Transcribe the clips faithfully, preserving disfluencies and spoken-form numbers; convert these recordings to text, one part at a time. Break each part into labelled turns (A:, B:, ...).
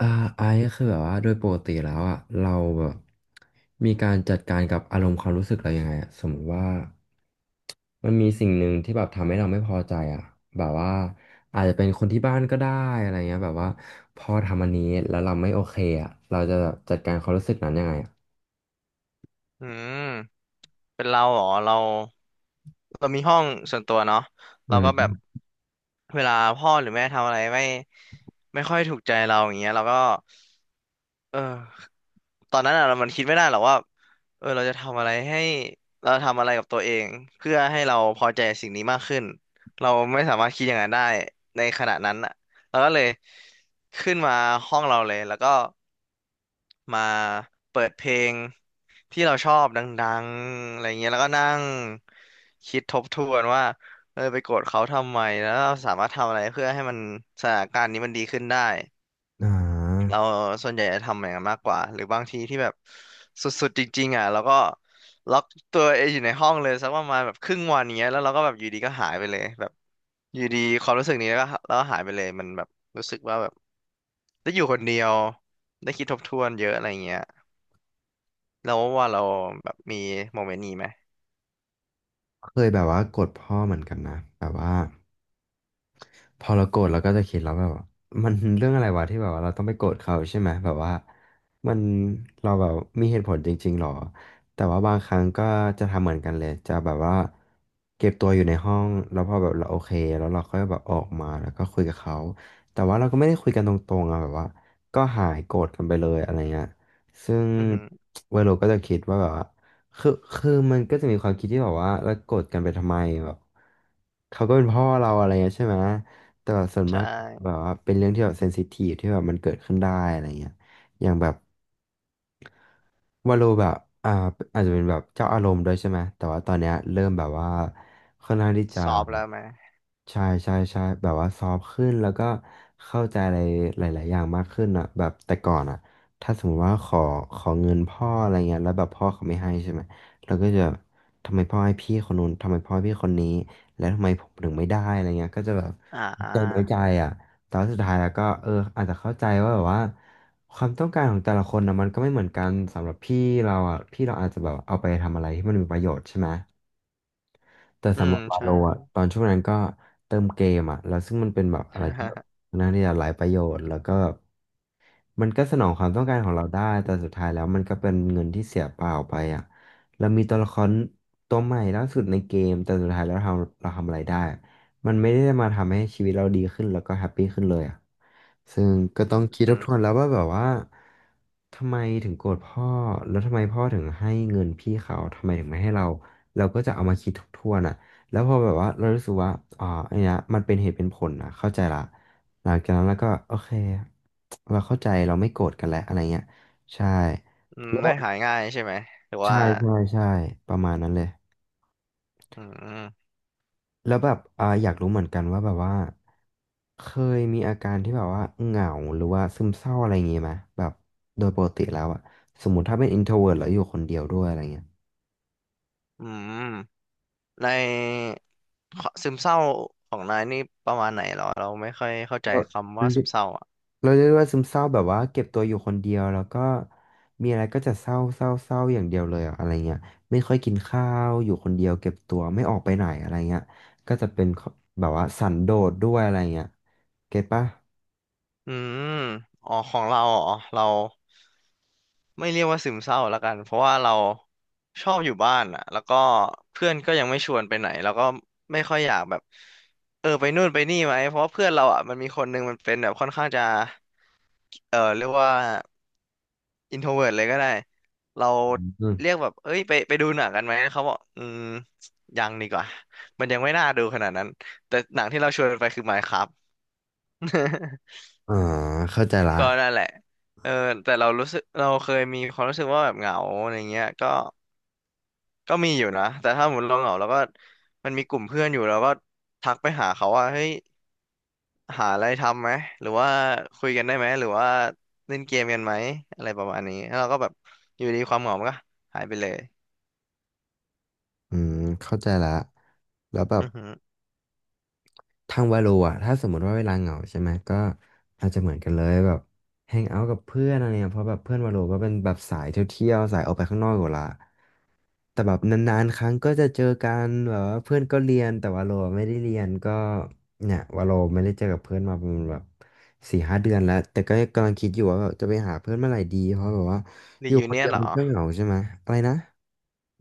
A: อ่าไอซ์ก็คือแบบว่าโดยปกติแล้วอ่ะเราแบบมีการจัดการกับอารมณ์ความรู้สึกเรายังไงอะสมมติว่ามันมีสิ่งหนึ่งที่แบบทำให้เราไม่พอใจอ่ะแบบว่าอาจจะเป็นคนที่บ้านก็ได้อะไรเงี้ยแบบว่าพอทำอันนี้แล้วเราไม่โอเคอ่ะเราจะจัดการความรู้สึกนั้นยังไงอะ
B: อืมเป็นเราเหรอเราเรามีห้องส่วนตัวเนาะ
A: อื
B: เราก็แบบ
A: ม
B: เวลาพ่อหรือแม่ทำอะไรไม่ไม่ค่อยถูกใจเราอย่างเงี้ยเราก็เออตอนนั้นอะเรามันคิดไม่ได้หรอกว่าเออเราจะทำอะไรให้เราทำอะไรกับตัวเองเพื่อให้เราพอใจสิ่งนี้มากขึ้นเราไม่สามารถคิดอย่างนั้นได้ในขณะนั้นอะเราก็เลยขึ้นมาห้องเราเลยแล้วก็ มาเปิดเพลงที่เราชอบดังๆอะไรเงี้ยแล้วก็นั่งคิดทบทวนว่าเออไปโกรธเขาทำไมแล้วเราสามารถทำอะไรเพื่อให้มันสถานการณ์นี้มันดีขึ้นได้
A: อ่า
B: เราส่วนใหญ่จะทำอย่างนั้นมากกว่าหรือบางทีที่แบบสุดๆจริงๆอ่ะแล้วก็ล็อกตัวเองอยู่ในห้องเลยสักประมาณแบบครึ่งวันเงี้ยแล้วเราก็แบบอยู่ดีก็หายไปเลยแบบอยู่ดีความรู้สึกนี้แล้วก็แล้วก็หายไปเลยมันแบบรู้สึกว่าแบบได้อยู่คนเดียวได้คิดทบทวนเยอะอะไรเงี้ย แล้วว่าเราแบบมีโมเมนต์นี้ไหม
A: เคยแบบว่ากดพ่อเหมือนกันนะแบบว่า พอเราโกรธเราก็จะคิดแล้วแบบว่ามันเรื่องอะไรวะที่แบบว่าเราต้องไปโกรธเขาใช่ไหมแบบว่ามันเราแบบมีเหตุผลจริงๆหรอแต่ว่าบางครั้งก็จะทำเหมือนกันเลยจะแบบว่าเก็บตัวอยู่ในห้องแล้วพอแบบเราโอเคแล้วเราก็แบบออกมาแล้วก็คุยกับเขาแต่ว่าเราก็ไม่ได้คุยกันตรงๆอะแบบว่าก็หายโกรธกันไปเลยอะไรเงี้ยซึ่ง
B: อือหือ
A: เวโรก็จะคิดว่าแบบว่าคือคือมันก็จะมีความคิดที่แบบว่าเราโกรธกันไปทำไมแบบเขาก็เป็นพ่อเราอะไรเงี้ยใช่ไหม แต่แบบส่วน
B: ใช
A: มากแบ
B: ่
A: บว่าเป็นเรื่องที่แบบเซนซิทีฟที่แบบมันเกิดขึ้นได้อะไรเงี้ยอย่างแบบ วาโลแบบอ่าอาจจะเป็นแบบเจ้าอารมณ์ด้วยใช่ไหมแต่ว่าตอนเนี้ยเริ่มแบบว่าค่อนข้างที่จะ
B: สอบแล้วไหม
A: ใช่ใช่ใช่แบบว่าซอฟต์ขึ้นแล้วก็เข้าใจอะไรหลายๆอย่างมากขึ้นอ่ะแบบแต่ก่อนอ่ะถ้าสมมติว่าขอขอเงินพ่ออะไรเงี้ยแล้วแบบพ่อเขาไม่ให้ใช่ไหมเราก็จะทำไมพ่อให้พี่คนนู้นทำไมพ่อให้พี่คนนี้แล้วทำไมผมถึงไม่ได้อะไรเงี้ยก็จะแบบ
B: อ่า
A: ใจน้อยใจอ่ะแต่ว่าสุดท้ายแล้วก็เอออาจจะเข้าใจว่าแบบว่า ความต้องการของแต่ละคนนะมันก็ไม่เหมือนกันสำหรับพี่เราอ่ะพี่เราอาจจะแบบเอาไปทำอะไรที่มันมีประโยชน์ใช่ไหมแต่
B: อื
A: สำห
B: ม
A: รับบา
B: ใช่
A: โลอ่ะตอนช่วงนั้นก็เติมเกมอ่ะแล้วซึ่งมันเป็นแบบอะไรที่แบบ น่นางที่จะหลายประโยชน์แล้วก็มันก็สนองความต้องการของเราได้แต่สุดท้ายแล้วมันก็เป็นเงินที่เสียเปล่าไปอ่ะเรามีตัวละครตัวใหม่ล่าสุดในเกมแต่สุดท้ายแล้วเราทำเราทำอะไรได้ มันไม่ได้มาทำให้ชีวิตเราดีขึ้นแล้วก็แฮปปี้ขึ้นเลยอ่ะซึ่งก็
B: อื
A: ต้อ
B: ม
A: งคิด
B: อื
A: ทบ
B: ม
A: ทวนแล้วว่าแบบว่าทำไมถึงโกรธพ่อแล้วทำไมพ่อถึงให้เงินพี่เขาทำไมถึงไม่ให้เราเราก็จะเอามาคิดทบทวนอ่ะแล้วพอแบบว่าเรารู้สึกว่าอ๋ออันเนี้ยมันเป็นเหตุเป็นผลนะเข้าใจละหลังจากนั้นเราก็โอเคเราเข้าใจเราไม่โกรธกันแล้วอะไรเงี้ยใช่
B: อืม
A: แล้วแบ
B: ได้
A: บ
B: หายง่ายใช่ไหมหรือ
A: ใช่
B: ว่า
A: ใช่ใช่ประมาณนั้นเลย
B: อืม
A: แล้วแบบอ่าอยากรู้เหมือนกันว่าแบบว่าเคยมีอาการที่แบบว่าเหงาหรือว่าซึมเศร้าอะไรอย่างงี้ไหมแบบโดยปกติแล้วอะสมมติถ้าเป็น อินโทรเวิร์ต แล้วอยู่คนเดียวด้วยอะไรเงี้ย
B: อืมในขอซึมเศร้าของนายนี่ประมาณไหนเหรอเราไม่ค่อยเข้าใจ
A: เราเ
B: คำว่า
A: รี
B: ซึ
A: ยก
B: มเศร้าอ่ะ
A: เราเรียกว่าซึมเศร้าแบบว่าเก็บตัวอยู่คนเดียวแล้วก็มีอะไรก็จะเศร้าเศร้าเศร้าอย่างเดียวเลยอะอะไรเงี้ยไม่ค่อยกินข้าวอยู่คนเดียวเก็บตัวไม่ออกไปไหนอะไรเงี้ยก็จะเป็นแบบว่าสันโดษด้วยอะไรเงี้ยเก็ตปะ
B: อืมอ๋อของเราอ๋อเรา ไม่เรียกว่าซึมเศร้าละกันเพราะว่าเราชอบอยู่บ้านอ่ะแล้วก็เพื่อนก็ยังไม่ชวนไปไหนแล้วก็ไม่ค่อยอยากแบบเออไปนู่นไปนี่ไหมเพราะว่าเพื่อนเราอ่ะมันมีคนหนึงมันเป็นแบบค่อนข้างจะเออเรียกว่าอินโทรเวิร์ตเลยก็ได้เรา
A: อื
B: เรี
A: ม
B: ยกแบบเอ้ยไปไปดูหนังกันไหมเขาบอกอืมยังดีกว่ามันยังไม่น่าดูขนาดนั้นแต่หนังที่เราชวนไปคือ m i n e c r a f
A: อ่าเข้าใจละ
B: ก็นั่นแหละเออแต่เรารู้สึกเราเคยมีความรู้สึกว่าแบบเหงาอะไรเงี้ยก็ ก็มีอยู่นะแต่ถ้าหมดเราเหงาเราก็มันมีกลุ่มเพื่อนอยู่เราก็ทักไปหาเขาว่าเฮ้ยหาอะไรทำไหมหรือว่าคุยกันได้ไหมหรือว่าเล่นเกมกันไหมอะไรประมาณนี้แล้วเราก็แบบอยู่ดีความเหงามันก็หายไปเลย
A: อืมเข้าใจละแล้วแบบ
B: อือหือ
A: ทางวาโลอ่ะถ้าสมมติว่าเวลาเหงาใช่ไหมก็อาจจะเหมือนกันเลยแบบแฮงเอาท์กับเพื่อนอะไรเนี่ยเพราะแบบเพื่อนวาโลก็เป็นแบบสายเที่ยวๆสายออกไปข้างนอกอยู่ละแต่แบบนานๆครั้งก็จะเจอกันแบบว่าเพื่อนก็เรียนแต่วาโลไม่ได้เรียนก็เนี่ยวาโลไม่ได้เจอกับเพื่อนมาประมาณแบบสี่ห้าเดือนแล้วแต่ก็กำลังคิดอยู่ว่าแบบจะไปหาเพื่อนเมื่อไหร่ดีเพราะแบบว่าอ
B: รี
A: ยู่
B: ยู
A: คน
B: เนีย
A: เดี
B: น
A: ยว
B: เหร
A: มั
B: อ
A: นก็เหงาใช่ไหมอะไรนะ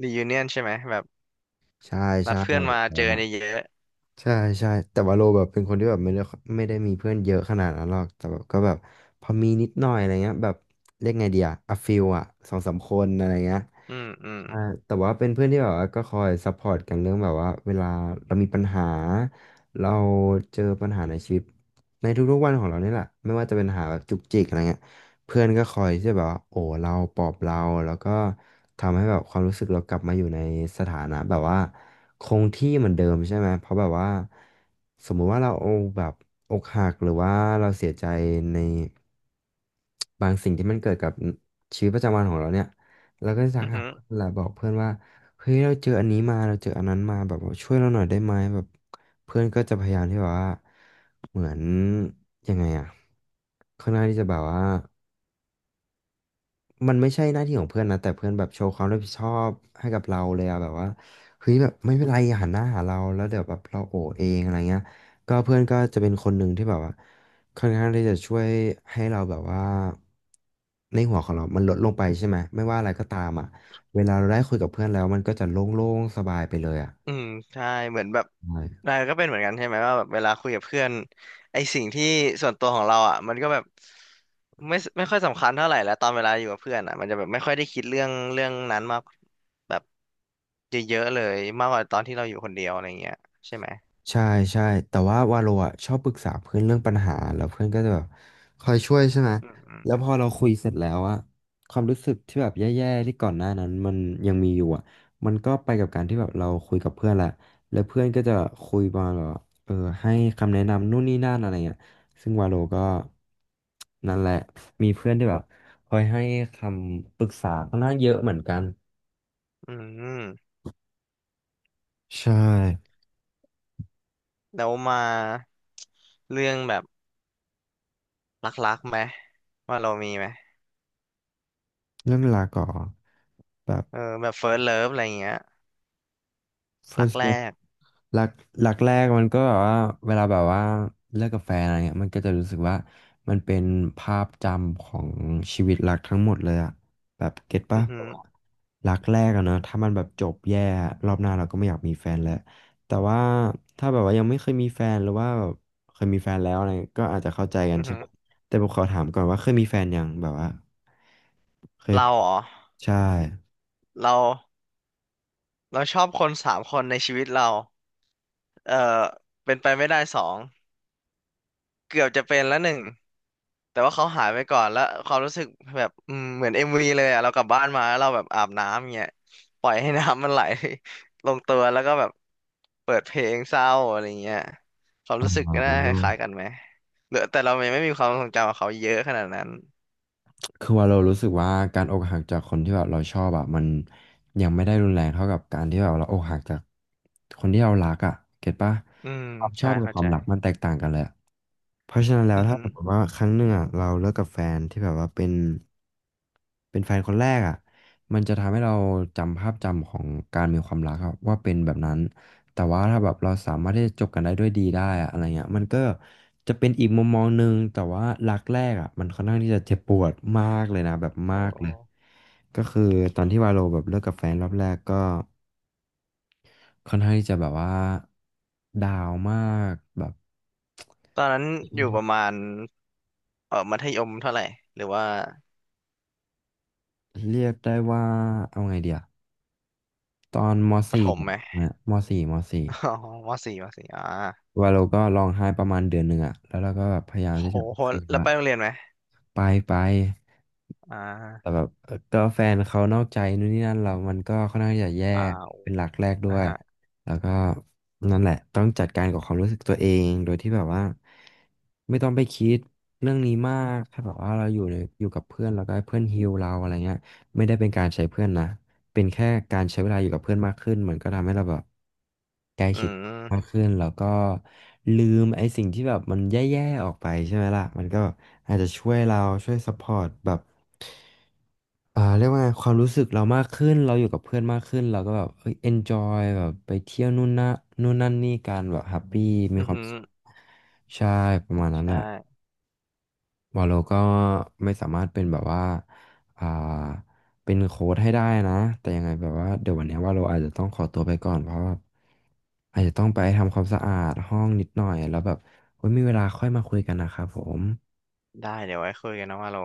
B: รียูเนียนใช่ไหมแบบ
A: ใช่
B: นั
A: ใช่
B: ดเพื่อนมาเจอกันเยอะ
A: ใช่ใช่แต่ว่าโลแบบเป็นคนที่แบบไม่ได้ไม่ได้มีเพื่อนเยอะขนาดนั้นหรอกแต่แบบก็แบบพอมีนิดหน่อยอะไรเงี้ยแบบเรียกไงดีอะอะฟิลอะสองสามคนอะไรเงี้ย
B: ๆอืมอืม
A: ใช่แต่ว่าเป็นเพื่อนที่แบบว่าก็คอยซัพพอร์ตกันเรื่องแบบว่าเวลาเรามีปัญหาเราเจอปัญหาในชีวิตในทุกๆวันของเรานี่แหละไม่ว่าจะเป็นปัญหาแบบจุกจิกอะไรเงี้ยเพื่อนก็คอยที่จะแบบว่าโอ้เราปลอบเราแล้วก็ทำให้แบบความรู้สึกเรากลับมาอยู่ในสถานะแบบว่าคงที่เหมือนเดิมใช่ไหมเพราะแบบว่าสมมุติว่าเราแบบอกหักหรือว่าเราเสียใจในบางสิ่งที่มันเกิดกับชีวิตประจำวันของเราเนี่ย แล้วก็สั
B: อื
A: ก
B: อ
A: หา
B: หือ
A: เพื่อนแหละบอกเพื่อนว่าเฮ้ยเราเจออันนี้มาเราเจออันนั้นมาแบบว่าช่วยเราหน่อยได้ไหมแบบเพื่อนก็จะพยายามที่แบบว่าเหมือนยังไงอะค่อนข้างที่จะแบบว่า มันไม่ใช่หน้าที่ของเพื่อนนะแต่เพื่อนแบบโชว์ความรับผิดชอบให้กับเราเลยอะแบบว่าเฮ้ยแบบไม่เป็นไราหันหน้าหาเราแล้วเดี๋ยวแบบเราโอเองอะไรเงี้ยก็เพื่อนก็จะเป็นคนหนึ่งที่แบบว่าค่อนข้างที่จะช่วยให้เราแบบว่าในหัวของเรามันลดลงไปใช่ไหมไม่ว่าอะไรก็ตามอะเวลาเราได้คุยกับเพื่อนแล้วมันก็จะโล่งๆสบายไปเลยอะ
B: อืมใช่เหมือนแบบนายก็เป็นเหมือนกันใช่ไหมว่าแบบเวลาคุยกับเพื่อนไอสิ่งที่ส่วนตัวของเราอ่ะมันก็แบบไม่ไม่ค่อยสำคัญเท่าไหร่แล้วตอนเวลาอยู่กับเพื่อนอ่ะมันจะแบบไม่ค่อยได้คิดเรื่องเรื่องนั้นมากแบบเยอะๆเลยมากกว่าตอนที่เราอยู่คนเดียวอะไรเงี้ยใช่ไหม
A: ใช่ใช่แต่ว่าวาโลอ่ะชอบปรึกษาเพื่อนเรื่องปัญหาแล้วเพื่อนก็จะแบบคอยช่วยใช่ไหม
B: อืมอืม
A: แล้วพอเราคุยเสร็จแล้วอะความรู้สึกที่แบบแย่ๆที่ก่อนหน้านั้นมันยังมีอยู่อะมันก็ไปกับการที่แบบเราคุยกับเพื่อนแหละแล้วเพื่อนก็จะคุยประมาณแบบว่าเออให้คำแนะนำนู่นนี่นั่นอะไรเงี้ยซึ่งวาโลก็นั่นแหละมีเพื่อนที่แบบคอยให้คำปรึกษาค่อนข้างเยอะเหมือนกัน
B: อืม
A: ใช่
B: แล้วมาเรื่องแบบรักๆไหมว่าเรามีไหม
A: เรื่องเวลาก่อนแบบ
B: เออแบบ เฟิร์สต์ เลิฟ อะไรเงี้ยรัก
A: เฟิร์สท์
B: แรก
A: หลักหลักแรกมันก็แบบว่าเวลาแบบว่าเลิกกับแฟนอะไรเงี้ยมันก็จะรู้สึกว่ามันเป็นภาพจำของชีวิตรักทั้งหมดเลยอะแบบเก็ต
B: อื
A: ปะ
B: อ
A: แบ
B: หือ
A: บว่ารักแรกอะเนอะถ้ามันแบบจบแย่อะรอบหน้าเราก็ไม่อยากมีแฟนแล้วแต่ว่าถ้าแบบว่ายังไม่เคยมีแฟนหรือว่าแบบเคยมีแฟนแล้วอะไรเงี้ยก็อาจจะเข้าใจกั
B: อื
A: น
B: อ
A: ใช่
B: หือ
A: ปะแต่ผมขอถามก่อนว่าเคยมีแฟนยังแบบว่าเคย
B: เรา
A: ผ่าน
B: เหรอ
A: ใช่
B: เราเราชอบคนสามคนในชีวิตเรา เอ่อเป็นไปไม่ได้สองเกือบจะเป็นแล้วหนึ่งแต่ว่าเขาหายไปก่อนแล้วความรู้สึกแบบอืมเหมือนเอ็มวีเลยอะเรากลับบ้านมาแล้วเราแบบอาบน้ำเงี้ยปล่อยให้น้ำมันไหล ลงตัวแล้วก็แบบเปิดเพลงเศร้าอะไรเงี้ยความ
A: อ๋
B: รู้สึกน่าคล้ายๆกั
A: อ
B: นไหมเหรือแต่เรายังไม่มีความทรงจำกับเขาเยอะขนาดนั้น
A: คือว่าเรารู้สึกว่าการอกหักจากคนที่แบบเราชอบอะมันยังไม่ได้รุนแรงเท่ากับการที่แบบเราอกหักจากคนที่เรารักอะเก็ตปะ
B: อืม
A: ความชอ
B: ใช่
A: บกับ
B: เข้า
A: ควา
B: ใจ
A: มรักมันแตกต่างกันเลยอะ เพราะฉะนั้นแล้
B: อื
A: ว
B: อ
A: ถ้า
B: ฮึ
A: สมมติว่าครั้งหนึ่งอ่ะเราเลิกกับแฟนที่แบบว่าเป็นเป็นแฟนคนแรกอ่ะมันจะทำให้เราจำภาพจำของการมีความรักครับว่าเป็นแบบนั้นแต่ว่าถ้าแบบเราสามารถที่จะจบกันได้ด้วยดีได้อะอะไรเงี้ยมันก็จะเป็นอีกมุมมองหนึ่งแต่ว่ารักแรกอ่ะมันค่อนข้างที่จะเจ็บปวดมากเลยนะแบบ
B: โอ
A: มากเลย
B: ้
A: ก็คือตอนที่วาโลแบบเลิกกับแฟนรอบแรกก็ค่อนข้างที่จะแบบว่าดาวมากแบบ
B: ตอนนั้นอยู่ประมาณเออมัธยมเท่าไหร่หรือว่า
A: เรียกได้ว่า เอาไงเดียตอนม
B: ประถ
A: สี่
B: มไหม
A: นะมสี่มสี่
B: อ๋อมอสี่ มอสี่อ่า
A: ว่าเราก็ร้องไห้ประมาณเดือนหนึ่งอะแล้วเราก็แบบพยายาม
B: โห
A: ที่จะโอ
B: โห
A: เค
B: แล้ว
A: ละ
B: ไปโรงเรียนไหม
A: ไปไป
B: อ่
A: แต่
B: า
A: แบบเอ่อก็แฟนเขานอกใจนู่นนี่นั่นเรามันก็ค่อนข้างจะแย่
B: อ่า
A: เป็นหลักแรกด้
B: อ่า
A: วย
B: ฮะ
A: แล้วก็นั่นแหละต้องจัดการกับความรู้สึกตัวเองโดยที่แบบว่าไม่ต้องไปคิดเรื่องนี้มากถ้าแบบว่าเราอยู่ในอยู่กับเพื่อนแล้วก็ให้เพื่อนฮีลเราอะไรเงี้ยไม่ได้เป็นการใช้เพื่อนนะเป็นแค่การใช้เวลาอยู่กับเพื่อนมากขึ้นมันก็ทำให้เราแบบใกล้
B: อื
A: ชิด มาก
B: ม
A: ขึ้นแล้วก็ลืมไอ้สิ่งที่แบบมันแย่ๆออกไปใช่ไหมล่ะมันก็อาจจะช่วยเราช่วยซัพพอร์ตแบบเอ่อเรียกว่าไงความรู้สึกเรามากขึ้นเราอยู่กับเพื่อนมากขึ้นเราก็แบบเอ้ย enjoy แบบไปเที่ยวนู่นนะนู่นนั่นนี่กันแบบแฮปปี้มี
B: อือ
A: ความ
B: หือ
A: สุขใช่ประมาณนั้
B: ใช
A: นแหละ
B: ่
A: วาโลก็ไม่สามารถเป็นแบบว่าอ่าเป็นโค้ดให้ได้นะ แต่ยังไงแบบว่าเดี๋ยววันเนี้ยว่าเราอาจจะต้องขอตัวไปก่อน เพราะว่าอาจจะต้องไปทำความสะอาดห้องนิดหน่อย แล้วแบบไว้มีเวลาค่อยมาคุยกันนะครับผม
B: ได้ เดี๋ยวไว้คุยกันนะว่าโล